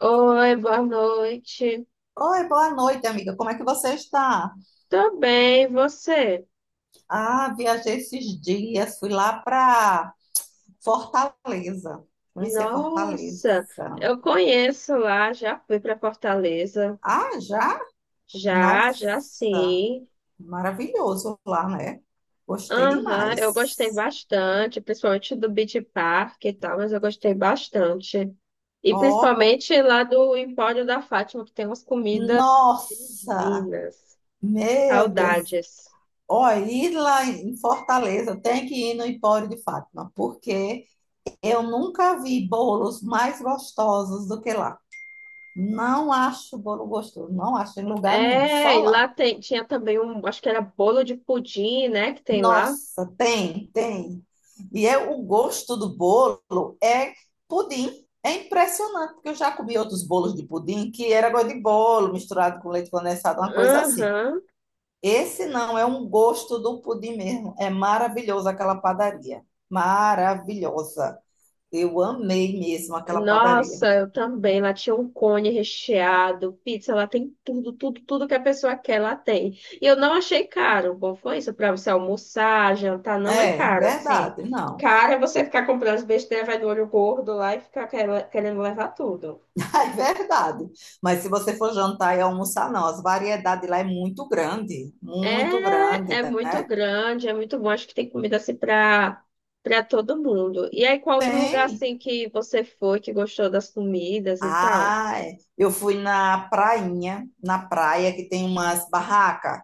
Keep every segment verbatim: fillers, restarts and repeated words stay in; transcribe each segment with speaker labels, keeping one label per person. Speaker 1: Oi, boa noite.
Speaker 2: Oi, boa noite, amiga. Como é que você está?
Speaker 1: Tô bem, e você?
Speaker 2: Ah, viajei esses dias, fui lá para Fortaleza, conhecer Fortaleza.
Speaker 1: Nossa, eu conheço lá, já fui para Fortaleza.
Speaker 2: Ah, já?
Speaker 1: Já, já
Speaker 2: Nossa,
Speaker 1: sim.
Speaker 2: maravilhoso lá, né? Gostei
Speaker 1: Aham, eu gostei
Speaker 2: demais.
Speaker 1: bastante, principalmente do Beach Park e tal, mas eu gostei bastante. E
Speaker 2: Ó, pô-
Speaker 1: principalmente lá do Empório da Fátima, que tem umas comidas
Speaker 2: nossa,
Speaker 1: divinas.
Speaker 2: meu Deus.
Speaker 1: Saudades.
Speaker 2: Ó, ir lá em Fortaleza, tem que ir no Empório de Fátima, porque eu nunca vi bolos mais gostosos do que lá. Não acho bolo gostoso, não acho em lugar nenhum,
Speaker 1: É,
Speaker 2: só
Speaker 1: e
Speaker 2: lá.
Speaker 1: lá tem, tinha também um, acho que era bolo de pudim, né, que tem lá.
Speaker 2: Nossa, tem, tem. E é o gosto do bolo é pudim. É impressionante, porque eu já comi outros bolos de pudim que era gosto de bolo misturado com leite condensado, uma coisa assim.
Speaker 1: Aham.
Speaker 2: Esse não, é um gosto do pudim mesmo. É maravilhoso aquela padaria. Maravilhosa. Eu amei mesmo aquela padaria.
Speaker 1: Nossa, eu também. Lá tinha um cone recheado, pizza, lá tem tudo, tudo, tudo que a pessoa quer, lá tem. E eu não achei caro. O Bom, foi isso para você almoçar, jantar, não é
Speaker 2: É,
Speaker 1: caro assim.
Speaker 2: verdade, não.
Speaker 1: Caro é você ficar comprando as besteiras, vai do olho gordo lá e ficar quer- querendo levar tudo.
Speaker 2: É verdade. Mas se você for jantar e almoçar, não. As variedades lá é muito grande, muito
Speaker 1: É,
Speaker 2: grande,
Speaker 1: é muito
Speaker 2: né?
Speaker 1: grande, é muito bom. Acho que tem comida assim para para todo mundo. E aí, qual outro lugar
Speaker 2: Tem.
Speaker 1: assim que você foi, que gostou das comidas e tal?
Speaker 2: Ah, é. Eu fui na prainha, na praia que tem umas barracas. Não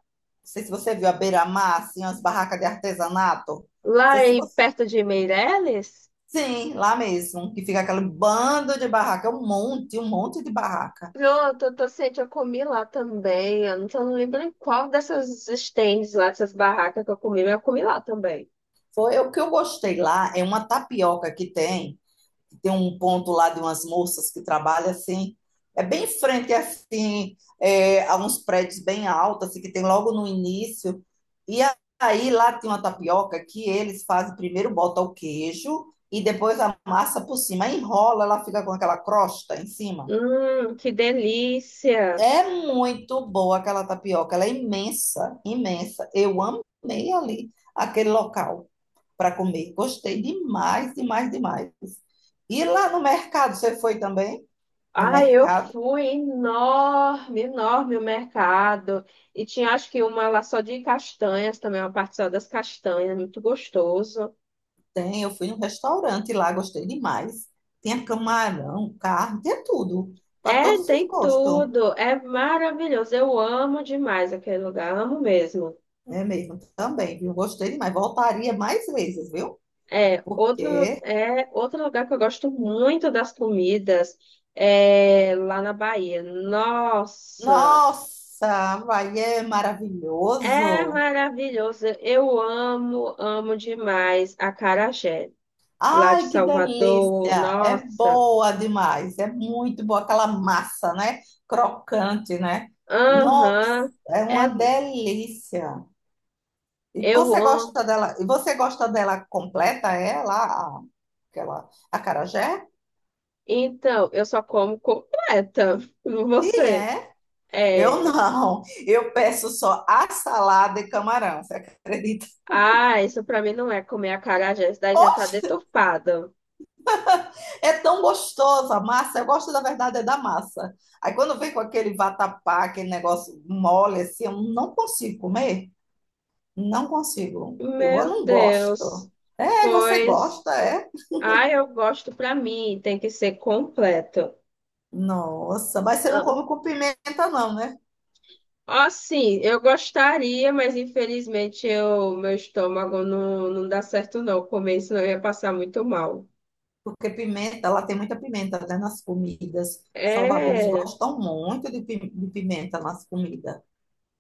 Speaker 2: sei se você viu a beira-mar, assim, umas barracas de artesanato. Não sei
Speaker 1: Lá
Speaker 2: se
Speaker 1: em
Speaker 2: você...
Speaker 1: perto de Meireles?
Speaker 2: Sim, lá mesmo, que fica aquele bando de barraca, um monte, um monte de barraca.
Speaker 1: Não, tô, tô ciente, eu comi lá também. Eu não, tô- Não lembro em qual dessas stands lá, dessas barracas que eu comi, mas eu comi lá também.
Speaker 2: Foi o que eu gostei lá, é uma tapioca que tem. Tem um ponto lá de umas moças que trabalham assim, é bem em frente assim, é, a uns prédios bem altos, assim, que tem logo no início. E aí lá tem uma tapioca que eles fazem primeiro, bota o queijo e depois a massa por cima. Aí enrola, ela fica com aquela crosta em cima.
Speaker 1: Hum, que delícia!
Speaker 2: É muito boa aquela tapioca, ela é imensa, imensa. Eu amei ali aquele local para comer. Gostei demais, demais, demais. E lá no mercado, você foi também? No
Speaker 1: Ah, eu
Speaker 2: mercado
Speaker 1: fui enorme, enorme o mercado. E tinha acho que uma lá só de castanhas também, uma parte só das castanhas, muito gostoso.
Speaker 2: tem, eu fui num restaurante lá, gostei demais. Tinha camarão, carne, tinha tudo, para
Speaker 1: É,
Speaker 2: todos os
Speaker 1: tem
Speaker 2: gostos.
Speaker 1: tudo. É maravilhoso. Eu amo demais aquele lugar, amo mesmo.
Speaker 2: É mesmo, também, viu? Gostei demais. Voltaria mais vezes, viu?
Speaker 1: É, outro,
Speaker 2: Porque,
Speaker 1: é, outro lugar que eu gosto muito das comidas é lá na Bahia. Nossa,
Speaker 2: nossa, vai é
Speaker 1: é
Speaker 2: maravilhoso.
Speaker 1: maravilhoso. Eu amo, amo demais a acarajé lá de
Speaker 2: Ai, que
Speaker 1: Salvador.
Speaker 2: delícia! É
Speaker 1: Nossa,
Speaker 2: boa demais, é muito boa aquela massa, né? Crocante, né? Nossa,
Speaker 1: aham,
Speaker 2: é
Speaker 1: é,
Speaker 2: uma delícia. E
Speaker 1: eu
Speaker 2: você
Speaker 1: amo.
Speaker 2: gosta dela? E você gosta dela completa, ela, a- aquela acarajé?
Speaker 1: Então, eu só como completa.
Speaker 2: E
Speaker 1: Você?
Speaker 2: é? Eu
Speaker 1: É.
Speaker 2: não. Eu peço só a salada e camarão. Você acredita?
Speaker 1: Ah, isso pra mim não é comer acarajé, isso daí já tá
Speaker 2: Oxe,
Speaker 1: deturpado.
Speaker 2: é tão gostoso a massa. Eu gosto da verdade é da massa. Aí quando vem com aquele vatapá, aquele negócio mole assim, eu não consigo comer. Não consigo. Eu
Speaker 1: Meu
Speaker 2: não
Speaker 1: Deus.
Speaker 2: gosto. É, você
Speaker 1: Pois,
Speaker 2: gosta, é?
Speaker 1: ah, eu gosto pra mim, tem que ser completo.
Speaker 2: Nossa, mas você não
Speaker 1: Ah,
Speaker 2: come com pimenta, não, né?
Speaker 1: ó, sim eu gostaria, mas infelizmente eu, meu estômago não, não dá certo não comer, senão eu ia passar muito mal.
Speaker 2: Porque pimenta, ela tem muita pimenta, né, nas comidas. Salvadores
Speaker 1: É,
Speaker 2: gostam muito de pi- de pimenta nas comidas.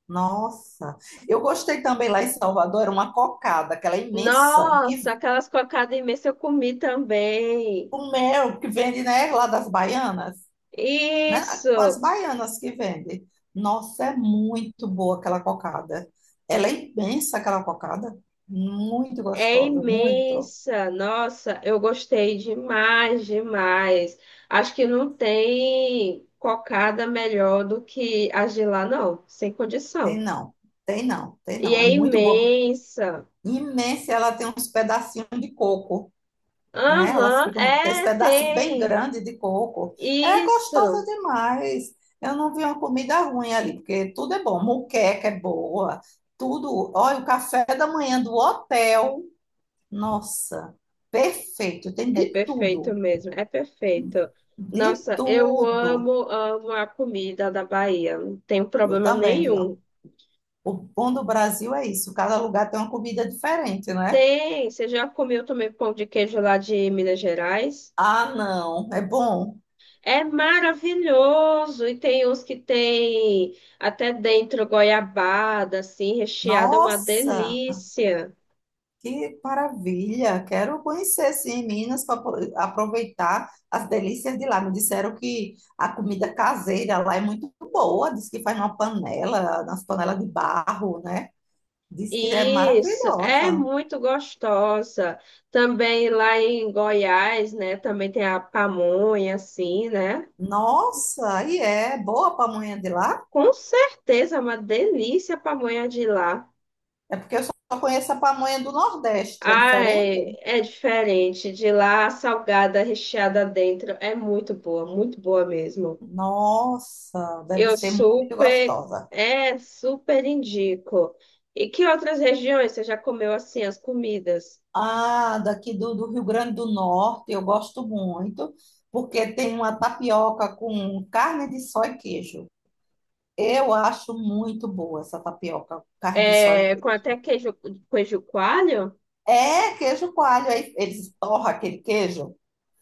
Speaker 2: Nossa! Eu gostei também lá em Salvador, era uma cocada, aquela imensa,
Speaker 1: nossa,
Speaker 2: que
Speaker 1: aquelas cocadas imensas eu comi também.
Speaker 2: o mel que vende, né, lá das baianas, né? Com as
Speaker 1: Isso,
Speaker 2: baianas que vende. Nossa, é muito boa aquela cocada. Ela é imensa, aquela cocada. Muito
Speaker 1: é
Speaker 2: gostosa, muito.
Speaker 1: imensa, nossa, eu gostei demais, demais. Acho que não tem cocada melhor do que as de lá, não, sem
Speaker 2: Tem
Speaker 1: condição.
Speaker 2: não, tem não, tem
Speaker 1: E
Speaker 2: não.
Speaker 1: é
Speaker 2: É muito boa.
Speaker 1: imensa.
Speaker 2: Imensa, ela tem uns pedacinhos de coco. Né? Elas
Speaker 1: Aham,
Speaker 2: ficam com esse
Speaker 1: é,
Speaker 2: pedaço bem
Speaker 1: tem.
Speaker 2: grande de coco. É gostosa
Speaker 1: Isso.
Speaker 2: demais. Eu não vi uma comida ruim ali, porque tudo é bom. Moqueca é boa, tudo. Olha, o café da manhã do hotel, nossa, perfeito. Tem
Speaker 1: É
Speaker 2: de
Speaker 1: perfeito
Speaker 2: tudo,
Speaker 1: mesmo, é perfeito.
Speaker 2: de
Speaker 1: Nossa, eu amo,
Speaker 2: tudo.
Speaker 1: amo a comida da Bahia, não tenho
Speaker 2: Eu
Speaker 1: problema
Speaker 2: também,
Speaker 1: nenhum.
Speaker 2: viu? O bom do Brasil é isso. Cada lugar tem uma comida diferente, né?
Speaker 1: Tem, você já comeu também pão de queijo lá de Minas Gerais?
Speaker 2: Ah, não, é bom.
Speaker 1: É maravilhoso. E tem uns que tem até dentro goiabada, assim, recheada, é uma
Speaker 2: Nossa.
Speaker 1: delícia.
Speaker 2: Que maravilha! Quero conhecer sim Minas para aproveitar as delícias de lá. Me disseram que a comida caseira lá é muito boa. Diz que faz numa panela, nas panelas de barro, né? Diz que é
Speaker 1: Isso, é
Speaker 2: maravilhosa.
Speaker 1: muito gostosa. Também lá em Goiás, né? Também tem a pamonha, assim, né?
Speaker 2: Nossa, e é boa a pamonha de lá?
Speaker 1: Com certeza, é uma delícia a pamonha de lá.
Speaker 2: É porque eu só conheço a pamonha do Nordeste. É diferente?
Speaker 1: Ai, é é diferente. De lá, a salgada recheada dentro é muito boa, muito boa mesmo.
Speaker 2: Nossa, deve
Speaker 1: Eu
Speaker 2: ser muito
Speaker 1: super,
Speaker 2: gostosa.
Speaker 1: é, super indico. E que outras regiões você já comeu assim as comidas?
Speaker 2: Ah, daqui do, do Rio Grande do Norte, eu gosto muito, porque tem uma tapioca com carne de só e queijo. Eu acho muito boa essa tapioca, carne de só e
Speaker 1: É, com até
Speaker 2: queijo.
Speaker 1: queijo, queijo coalho?
Speaker 2: É queijo coalho, aí eles torram aquele queijo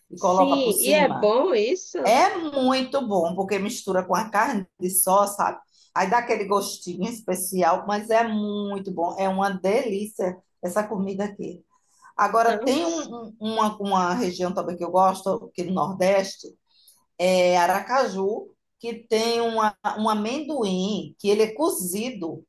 Speaker 2: e colocam por
Speaker 1: Sim, e é
Speaker 2: cima.
Speaker 1: bom isso?
Speaker 2: É muito bom, porque mistura com a carne de só, sabe? Aí dá aquele gostinho especial, mas é muito bom. É uma delícia essa comida aqui. Agora,
Speaker 1: Não.
Speaker 2: tem um- um- uma, uma região também que eu gosto, que no Nordeste, é Aracaju, que tem uma, um amendoim que ele é cozido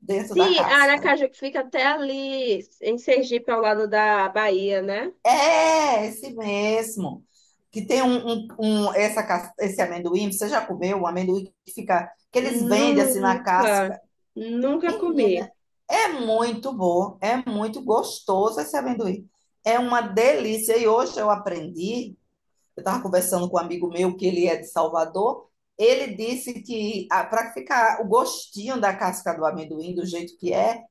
Speaker 2: dentro da
Speaker 1: Sim,
Speaker 2: casca.
Speaker 1: Aracaju que fica até ali em Sergipe, ao lado da Bahia, né?
Speaker 2: É, esse mesmo. Que tem um, um- um- essa, cas- esse amendoim, você já comeu? Um amendoim que fica, que eles vendem assim na
Speaker 1: Nunca,
Speaker 2: casca.
Speaker 1: nunca
Speaker 2: Menina,
Speaker 1: comi.
Speaker 2: é muito bom, é muito gostoso esse amendoim. É uma delícia. E hoje eu aprendi. Eu estava conversando com um amigo meu, que ele é de Salvador. Ele disse que para ficar o gostinho da casca do amendoim do jeito que é,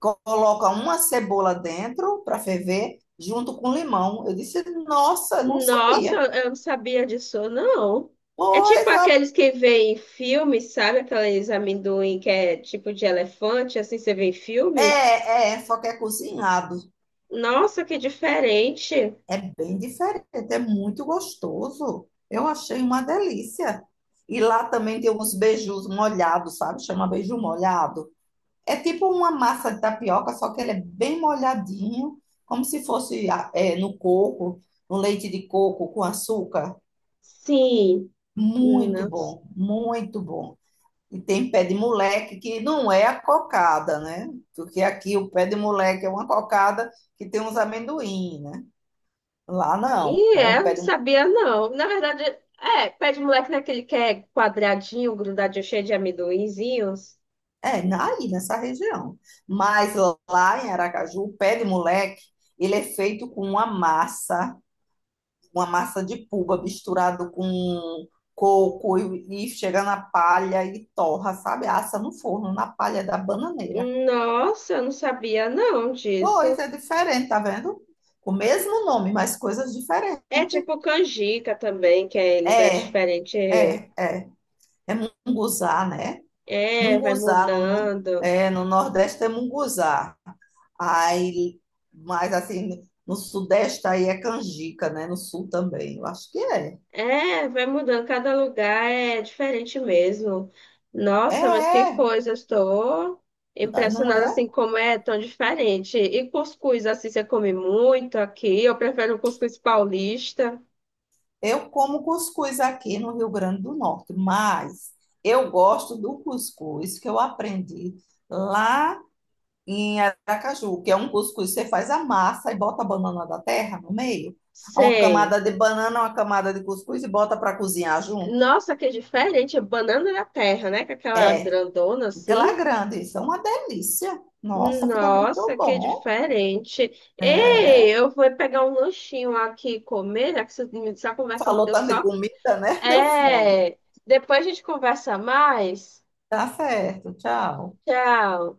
Speaker 2: co- coloca uma cebola dentro para ferver, junto com limão. Eu disse, nossa, não
Speaker 1: Nossa,
Speaker 2: sabia.
Speaker 1: eu não sabia disso, não. É tipo
Speaker 2: Pois
Speaker 1: aqueles que vê em filme, sabe? Aqueles amendoim que é tipo de elefante, assim você vê em filme.
Speaker 2: é, é, só que é cozinhado.
Speaker 1: Nossa, que diferente.
Speaker 2: É bem diferente, é muito gostoso. Eu achei uma delícia. E lá também tem uns beijos molhados, sabe? Chama beijo molhado. É tipo uma massa de tapioca, só que ela é bem molhadinho, como se fosse ah, é, no coco, no leite de coco com açúcar.
Speaker 1: Sim.
Speaker 2: Muito
Speaker 1: Nossa.
Speaker 2: bom, muito bom. E tem pé de moleque, que não é a cocada, né? Porque aqui o pé de moleque é uma cocada que tem uns amendoim, né? Lá não,
Speaker 1: E
Speaker 2: é
Speaker 1: é,
Speaker 2: um pé
Speaker 1: não
Speaker 2: de moleque.
Speaker 1: sabia, não. Na verdade, é, pé de moleque naquele que é quadradinho, grudadinho, cheio de amendoinzinhos.
Speaker 2: É, na- aí nessa região. Mas lá em Aracaju, o pé de moleque, ele é feito com uma massa uma massa de puba misturado com coco e, e chega na palha e torra, sabe? Assa no forno, na palha da bananeira.
Speaker 1: Nossa, eu não sabia, não, disso.
Speaker 2: Pois, é diferente, tá vendo? O mesmo nome, mas coisas diferentes.
Speaker 1: É tipo canjica também, que é em lugares
Speaker 2: É,
Speaker 1: diferentes.
Speaker 2: é, é. É munguzá, né?
Speaker 1: É, vai
Speaker 2: Munguzá no, no,
Speaker 1: mudando.
Speaker 2: é, no Nordeste é munguzá. Aí, mas assim, no Sudeste aí é canjica, né? No Sul também, eu acho que é.
Speaker 1: É, vai mudando. Cada lugar é diferente mesmo.
Speaker 2: É,
Speaker 1: Nossa, mas que
Speaker 2: é.
Speaker 1: coisa. Eu Estou
Speaker 2: Não
Speaker 1: impressionada
Speaker 2: é.
Speaker 1: assim como é tão diferente. E cuscuz, assim, você come muito aqui. Eu prefiro o cuscuz paulista.
Speaker 2: Eu como cuscuz aqui no Rio Grande do Norte, mas eu gosto do cuscuz que eu aprendi lá em Aracaju, que é um cuscuz que você faz a massa e bota a banana da terra no meio. É uma
Speaker 1: Sei.
Speaker 2: camada de banana, uma camada de cuscuz e bota para cozinhar junto.
Speaker 1: Nossa, que diferente. Banana da terra, né? Com aquela
Speaker 2: É,
Speaker 1: grandona
Speaker 2: porque lá
Speaker 1: assim.
Speaker 2: é grande, isso é uma delícia. Nossa, fica muito
Speaker 1: Nossa, que
Speaker 2: bom.
Speaker 1: diferente.
Speaker 2: É.
Speaker 1: Ei, eu vou pegar um lanchinho aqui e comer, né? Que essa essa conversa me
Speaker 2: Falou
Speaker 1: deu
Speaker 2: tanto de
Speaker 1: só...
Speaker 2: comida, né? Deu fome.
Speaker 1: É, depois a gente conversa mais.
Speaker 2: Tá certo, tchau.
Speaker 1: Tchau.